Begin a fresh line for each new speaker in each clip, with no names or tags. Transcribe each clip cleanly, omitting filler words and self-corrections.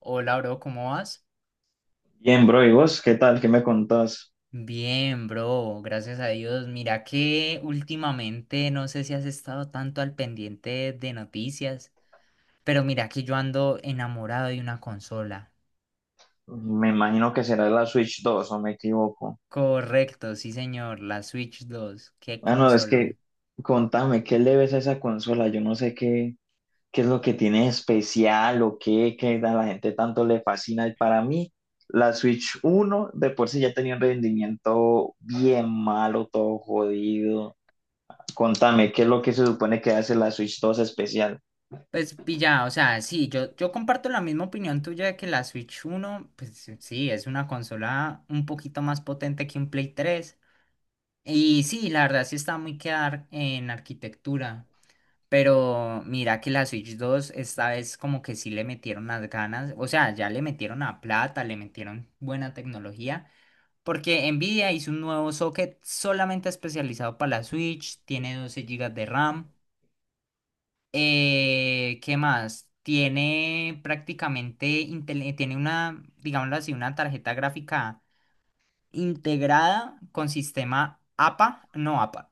Hola, bro, ¿cómo vas?
Bien, bro, ¿y vos qué tal? ¿Qué me contás?
Bien, bro, gracias a Dios. Mira que últimamente no sé si has estado tanto al pendiente de noticias, pero mira que yo ando enamorado de una consola.
Me imagino que será la Switch dos, ¿o me equivoco?
Correcto, sí, señor, la Switch 2, qué
Ah, no, es que
consolón.
Contame, ¿qué le ves a esa consola? Yo no sé qué, ¿Qué es lo que tiene especial o qué, qué a la gente tanto le fascina? Y para mí, la Switch uno de por sí ya tenía un rendimiento bien malo, todo jodido. Contame, ¿qué es lo que se supone que hace la Switch dos especial?
Pues pilla, o sea, sí, yo comparto la misma opinión tuya de que la Switch uno, pues sí, es una consola un poquito más potente que un Play 3. Y sí, la verdad sí está muy quedar en arquitectura. Pero mira que la Switch 2 esta vez como que sí le metieron las ganas, o sea, ya le metieron a plata, le metieron buena tecnología, porque Nvidia hizo un nuevo socket solamente especializado para la Switch, tiene 12 gigas de RAM. ¿Qué más? Tiene prácticamente, tiene una, digámoslo así, una tarjeta gráfica integrada con sistema APA, no APA,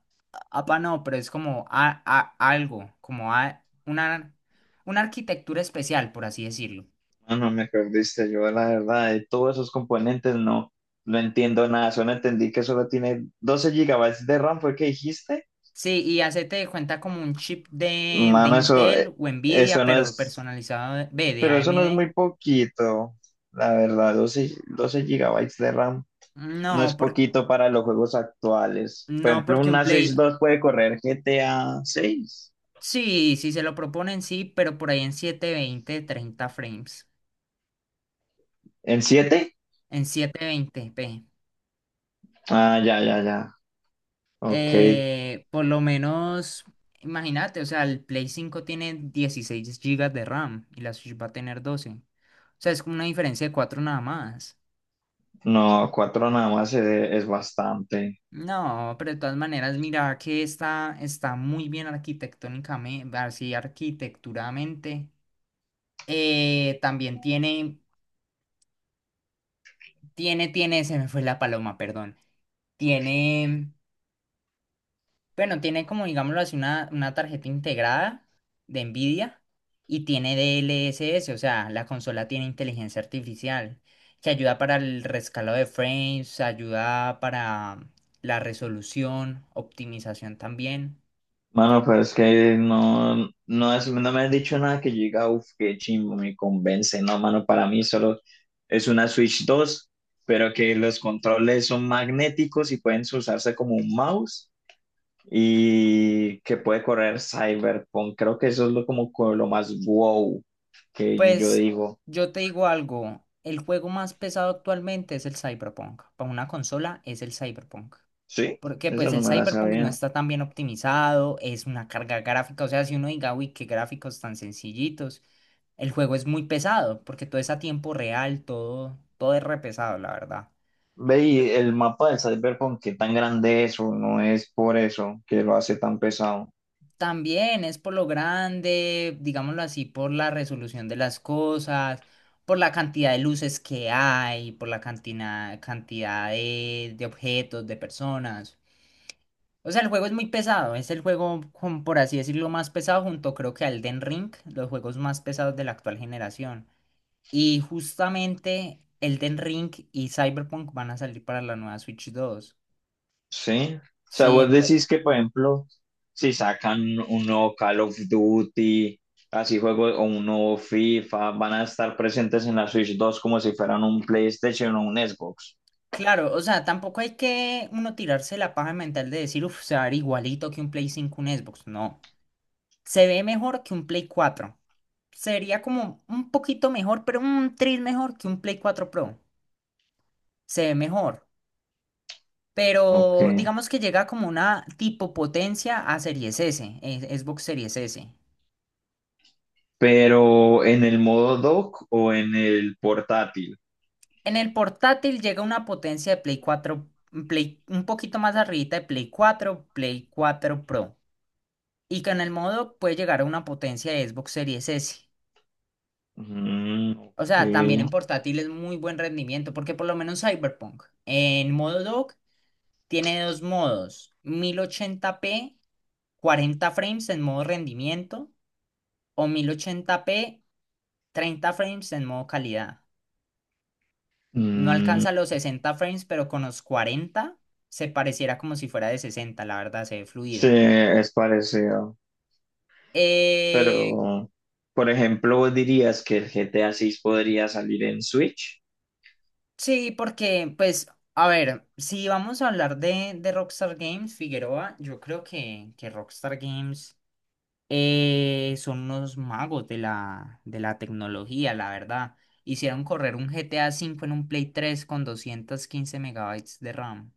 APA no, pero es como algo, como una arquitectura especial, por así decirlo.
Mano, me perdiste, yo la verdad, de todos esos componentes no entiendo nada, solo entendí que solo tiene 12 GB de RAM, ¿fue que dijiste?
Sí, y hacete de cuenta como un chip de
Mano, eso,
Intel o Nvidia,
eso no
pero
es,
personalizado de, ve, de
pero eso no es
AMD.
muy poquito, la verdad, doce gigabytes de RAM no
No,
es poquito para los juegos actuales. Por
no,
ejemplo,
porque un
una Switch
Play,
dos puede correr GTA 6.
sí, sí se lo proponen, sí, pero por ahí en setecientos veinte treinta frames,
¿En siete?
en 720p.
Ah, ya, ya, ya, ok.
Por lo menos, imagínate, o sea, el Play 5 tiene 16 gigas de RAM y la Switch va a tener doce. O sea, es como una diferencia de cuatro nada más.
No, 4 nada más, es bastante.
No, pero de todas maneras, mira que está muy bien arquitectónicamente, así arquitecturamente. También tiene, se me fue la paloma, perdón. Tiene. Bueno, tiene como, digámoslo así, una tarjeta integrada de NVIDIA y tiene DLSS, o sea, la consola tiene inteligencia artificial que ayuda para el rescalado de frames, ayuda para la resolución, optimización también.
Mano, pero es que no me has dicho nada que yo diga, uff, qué chimbo, me convence. No, mano, para mí solo es una Switch dos, pero que los controles son magnéticos y pueden usarse como un mouse y que puede correr Cyberpunk. Creo que eso es lo más wow que yo
Pues
digo.
yo te digo algo, el juego más pesado actualmente es el Cyberpunk. Para una consola es el Cyberpunk.
Sí,
Porque
eso
pues
no
el
me la
Cyberpunk no
sabía.
está tan bien optimizado, es una carga gráfica, o sea, si uno diga, uy, qué gráficos tan sencillitos, el juego es muy pesado, porque todo es a tiempo real, todo es re pesado, la verdad.
Ve, y el mapa del Cyberpunk, ¿qué tan grande es? ¿O no es por eso que lo hace tan pesado?
También es por lo grande, digámoslo así, por la resolución de las cosas, por la cantidad de luces que hay, por la cantidad de objetos, de personas. O sea, el juego es muy pesado, es el juego, por así decirlo, más pesado junto creo que a Elden Ring, los juegos más pesados de la actual generación. Y justamente Elden Ring y Cyberpunk van a salir para la nueva Switch 2.
Sí. O sea,
Sí,
vos
entonces,
decís que, por ejemplo, si sacan un nuevo Call of Duty, así juego, o un nuevo FIFA, van a estar presentes en la Switch dos como si fueran un PlayStation o un Xbox.
claro, o sea, tampoco hay que uno tirarse la paja mental de decir, uff, se va a ver igualito que un Play 5, un Xbox. No, se ve mejor que un Play 4. Sería como un poquito mejor, pero un tris mejor que un Play 4 Pro. Se ve mejor.
Ok.
Pero digamos que llega como una tipo potencia a Series S, Xbox Series S.
Pero ¿en el modo dock o en el portátil?
En el portátil llega una potencia de Play 4, un poquito más arribita de Play 4, Play 4 Pro. Y que en el modo puede llegar a una potencia de Xbox Series S.
Mm,
O sea, también en
ok.
portátil es muy buen rendimiento, porque por lo menos Cyberpunk en modo dock tiene dos modos: 1080p, 40 frames en modo rendimiento, o 1080p, treinta frames en modo calidad. No
Mm,
alcanza los 60 frames, pero con los 40 se pareciera como si fuera de 60, la verdad, se ve
sí,
fluido.
es parecido.
Eh,
Pero, por ejemplo, ¿vos dirías que el GTA 6 podría salir en Switch?
sí, porque, pues, a ver, si vamos a hablar de Rockstar Games, Figueroa, yo creo que Rockstar Games son unos magos de la tecnología, la verdad. Hicieron correr un GTA 5 en un Play 3 con 215 megabytes de RAM.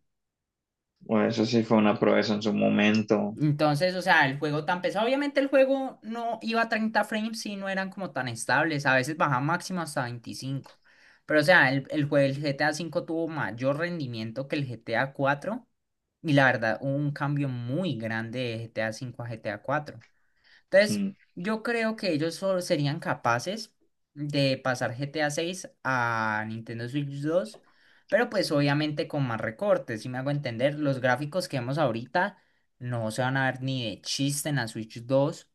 Bueno, eso sí fue una proeza en su momento.
Entonces, o sea, el juego tan pesado, obviamente el juego no iba a 30 frames y no eran como tan estables, a veces bajaba máximo hasta 25. Pero, o sea, el juego del GTA 5 tuvo mayor rendimiento que el GTA 4 y la verdad, hubo un cambio muy grande de GTA 5 a GTA 4. Entonces,
Mm.
yo creo que ellos solo serían capaces de pasar GTA 6 a seis a Nintendo Switch 2, pero pues obviamente con más recortes, si me hago entender, los gráficos que vemos ahorita no se van a ver ni de chiste en la Switch 2.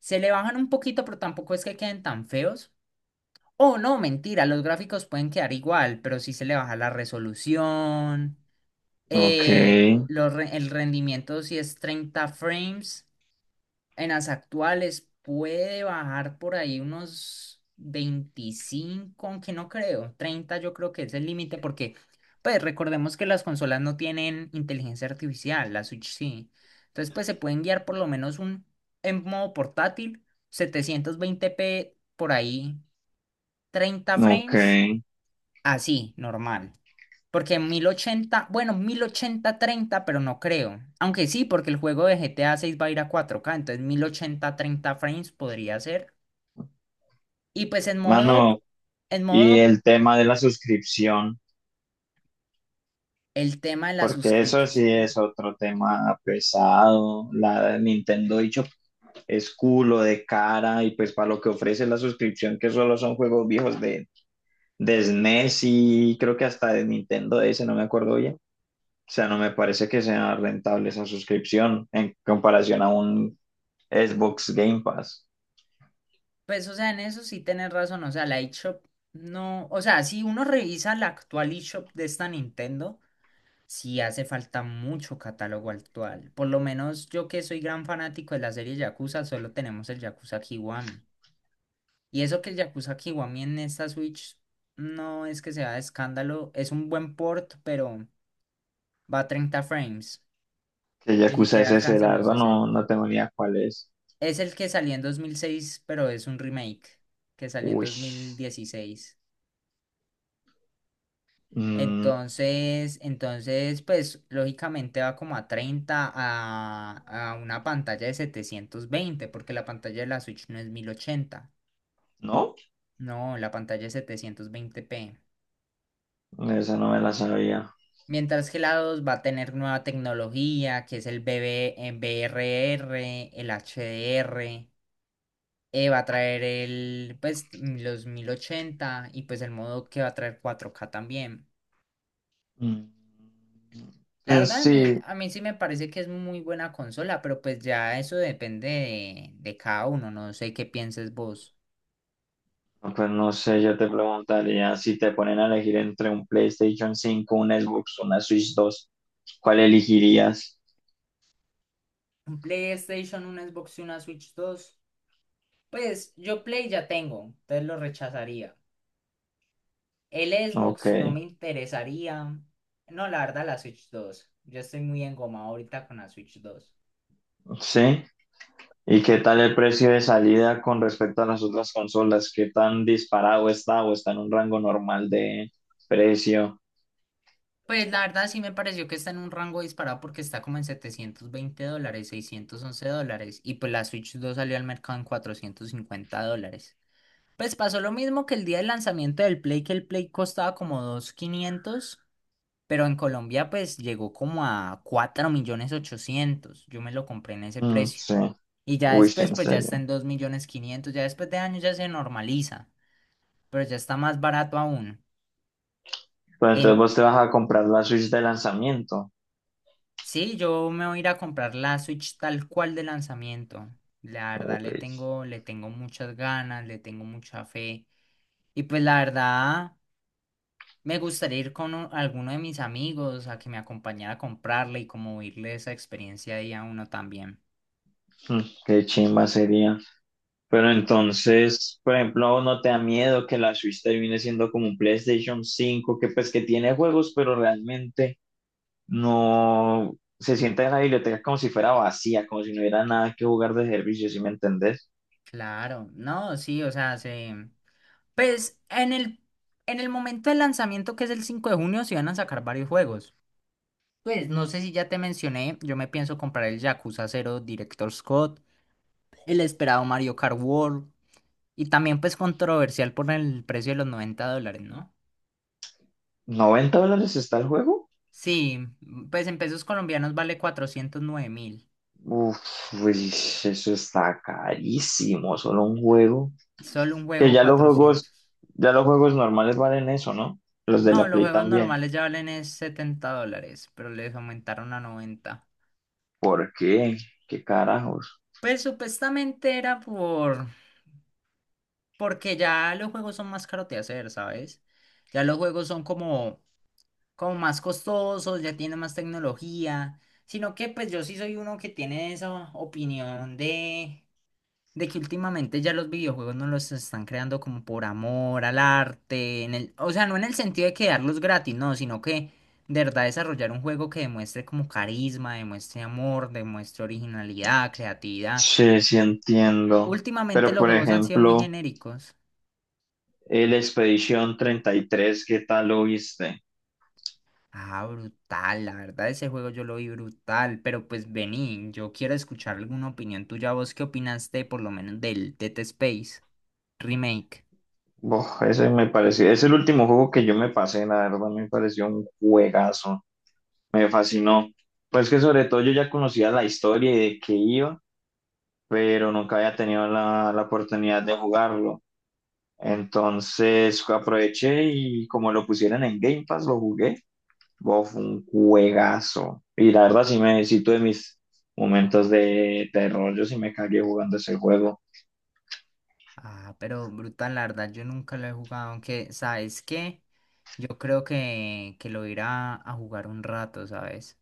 Se le bajan un poquito, pero tampoco es que queden tan feos. Oh, no, mentira, los gráficos pueden quedar igual, pero sí se le baja la resolución,
Ok,
el rendimiento si es 30 frames. En las actuales puede bajar por ahí unos 25, aunque no creo. Treinta, yo creo que es el límite porque, pues recordemos que las consolas no tienen inteligencia artificial, la Switch sí. Entonces, pues se pueden guiar por lo menos en modo portátil, setecientos veinte p por ahí, treinta
ok.
frames, así, normal. Porque en 1080 bueno, mil ochenta treinta pero no creo. Aunque sí, porque el juego de GTA 6 va a ir a 4K, entonces mil ochenta treinta frames podría ser. Y pues en modo,
Mano,
en
y
modo,
el tema de la suscripción,
el tema de la
porque eso sí es
suscripción.
otro tema pesado. La Nintendo, dicho, es culo de cara y pues para lo que ofrece la suscripción, que solo son juegos viejos de SNES y creo que hasta de Nintendo DS, no me acuerdo bien. O sea, no me parece que sea rentable esa suscripción en comparación a un Xbox Game Pass.
Pues, o sea, en eso sí tenés razón. O sea, la eShop no. O sea, si uno revisa la actual eShop de esta Nintendo, sí hace falta mucho catálogo actual. Por lo menos yo que soy gran fanático de la serie Yakuza, solo tenemos el Yakuza Kiwami. Y eso que el Yakuza Kiwami en esta Switch no es que sea de escándalo, es un buen port, pero va a 30 frames,
Que
ni
Yakuza
siquiera
es ese?
alcanza
La
los
verdad no,
sesenta.
no tengo ni idea cuál es.
Es el que salió en 2006 pero es un remake que salió en
Uy.
2016.
Mm,
Entonces, pues lógicamente va como a 30 a una pantalla de 720 porque la pantalla de la Switch no es mil ochenta.
no,
No, la pantalla es 720p.
esa no me la sabía.
Mientras que la 2 va a tener nueva tecnología, que es el BB, BRR, el HDR, va a traer el, pues, los 1080 y pues el modo que va a traer 4K también.
Mm.
La
Pues
verdad,
sí,
a mí sí me parece que es muy buena consola, pero pues ya eso depende de cada uno, no sé qué pienses vos.
pues no sé, yo te preguntaría si te ponen a elegir entre un PlayStation 5, un Xbox, una Switch 2, ¿cuál elegirías?
Un PlayStation, un Xbox y una Switch dos. Pues yo Play ya tengo, entonces lo rechazaría. El
Ok,
Xbox no me interesaría. No, la verdad, la Switch 2. Yo estoy muy engomado ahorita con la Switch 2.
sí. ¿Y qué tal el precio de salida con respecto a las otras consolas? ¿Qué tan disparado está o está en un rango normal de precio?
Pues la verdad sí me pareció que está en un rango disparado porque está como en $720, $611. Y pues la Switch 2 salió al mercado en $450. Pues pasó lo mismo que el día del lanzamiento del Play, que el Play costaba como 2500, pero en Colombia pues llegó como a 4.800.000. Yo me lo compré en ese
Mm,
precio.
sí,
Y ya
uy, sí,
después,
en
pues ya está
serio.
en 2.500.000, ya después de años ya se normaliza, pero ya está más barato aún.
Pero entonces
En,
vos te vas a comprar la Switch de lanzamiento.
sí, yo me voy a ir a comprar la Switch tal cual de lanzamiento. La verdad
Uy,
le tengo muchas ganas, le tengo mucha fe. Y pues la verdad, me gustaría ir con alguno de mis amigos a que me acompañara a comprarla y como irle esa experiencia ahí a uno también.
mm, qué chimba sería. Pero entonces, por ejemplo, ¿no te da miedo que la Switch termine siendo como un PlayStation cinco, que pues que tiene juegos, pero realmente no se sienta en la biblioteca como si fuera vacía, como si no hubiera nada que jugar de servicio, si me entendés?
Claro, no, sí, o sea, se pues en el, momento del lanzamiento, que es el 5 de junio, se van a sacar varios juegos. Pues no sé si ya te mencioné, yo me pienso comprar el Yakuza 0 Director Scott, el esperado Mario Kart World, y también pues controversial por el precio de los $90, ¿no?
¿$90 está el juego?
Sí, pues en pesos colombianos vale 409.000,
Uf, uy, eso está carísimo, solo un juego.
solo un
Que
juego 400.
ya los juegos normales valen eso, ¿no? Los de
No,
la
los
Play
juegos
también.
normales ya valen es $70, pero les aumentaron a 90.
¿Por qué? ¿Qué carajos?
Pues supuestamente era porque ya los juegos son más caros de hacer, ¿sabes? Ya los juegos son como más costosos, ya tienen más tecnología. Sino que pues yo sí soy uno que tiene esa opinión de que últimamente ya los videojuegos no los están creando como por amor al arte. O sea, no en el sentido de quedarlos gratis, no, sino que de verdad desarrollar un juego que demuestre como carisma, demuestre amor, demuestre originalidad, creatividad.
Sí, sí entiendo.
Últimamente
Pero
los
por
juegos han sido muy
ejemplo,
genéricos.
el Expedition 33, ¿qué tal lo viste?
Ah, brutal, la verdad ese juego yo lo vi brutal, pero pues vení, yo quiero escuchar alguna opinión tuya, vos qué opinaste por lo menos del Dead Space Remake.
Bof, ese me pareció, es el último juego que yo me pasé, la verdad me pareció un juegazo, me fascinó. Pues que sobre todo yo ya conocía la historia y de qué iba, pero nunca había tenido la oportunidad de jugarlo. Entonces aproveché y como lo pusieron en Game Pass, lo jugué. Bof, un juegazo. Y la verdad, sí tuve mis momentos de terror. Yo sí me cagué jugando ese juego.
Ah, pero brutal, la verdad yo nunca lo he jugado, aunque, ¿sabes qué? Yo creo que lo iré a jugar un rato, ¿sabes?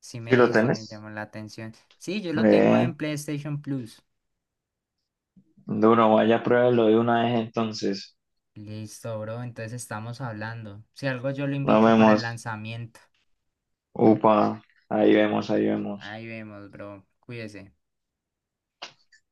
Sí
Si lo
me, sí me
tenés,
llama la atención. Sí, yo lo tengo
eh,
en PlayStation Plus.
duro, vaya, pruébalo de una vez entonces.
Listo, bro, entonces estamos hablando. Si algo yo lo
Nos
invito para el
vemos.
lanzamiento.
Upa, ahí vemos, ahí vemos.
Ahí vemos, bro, cuídese.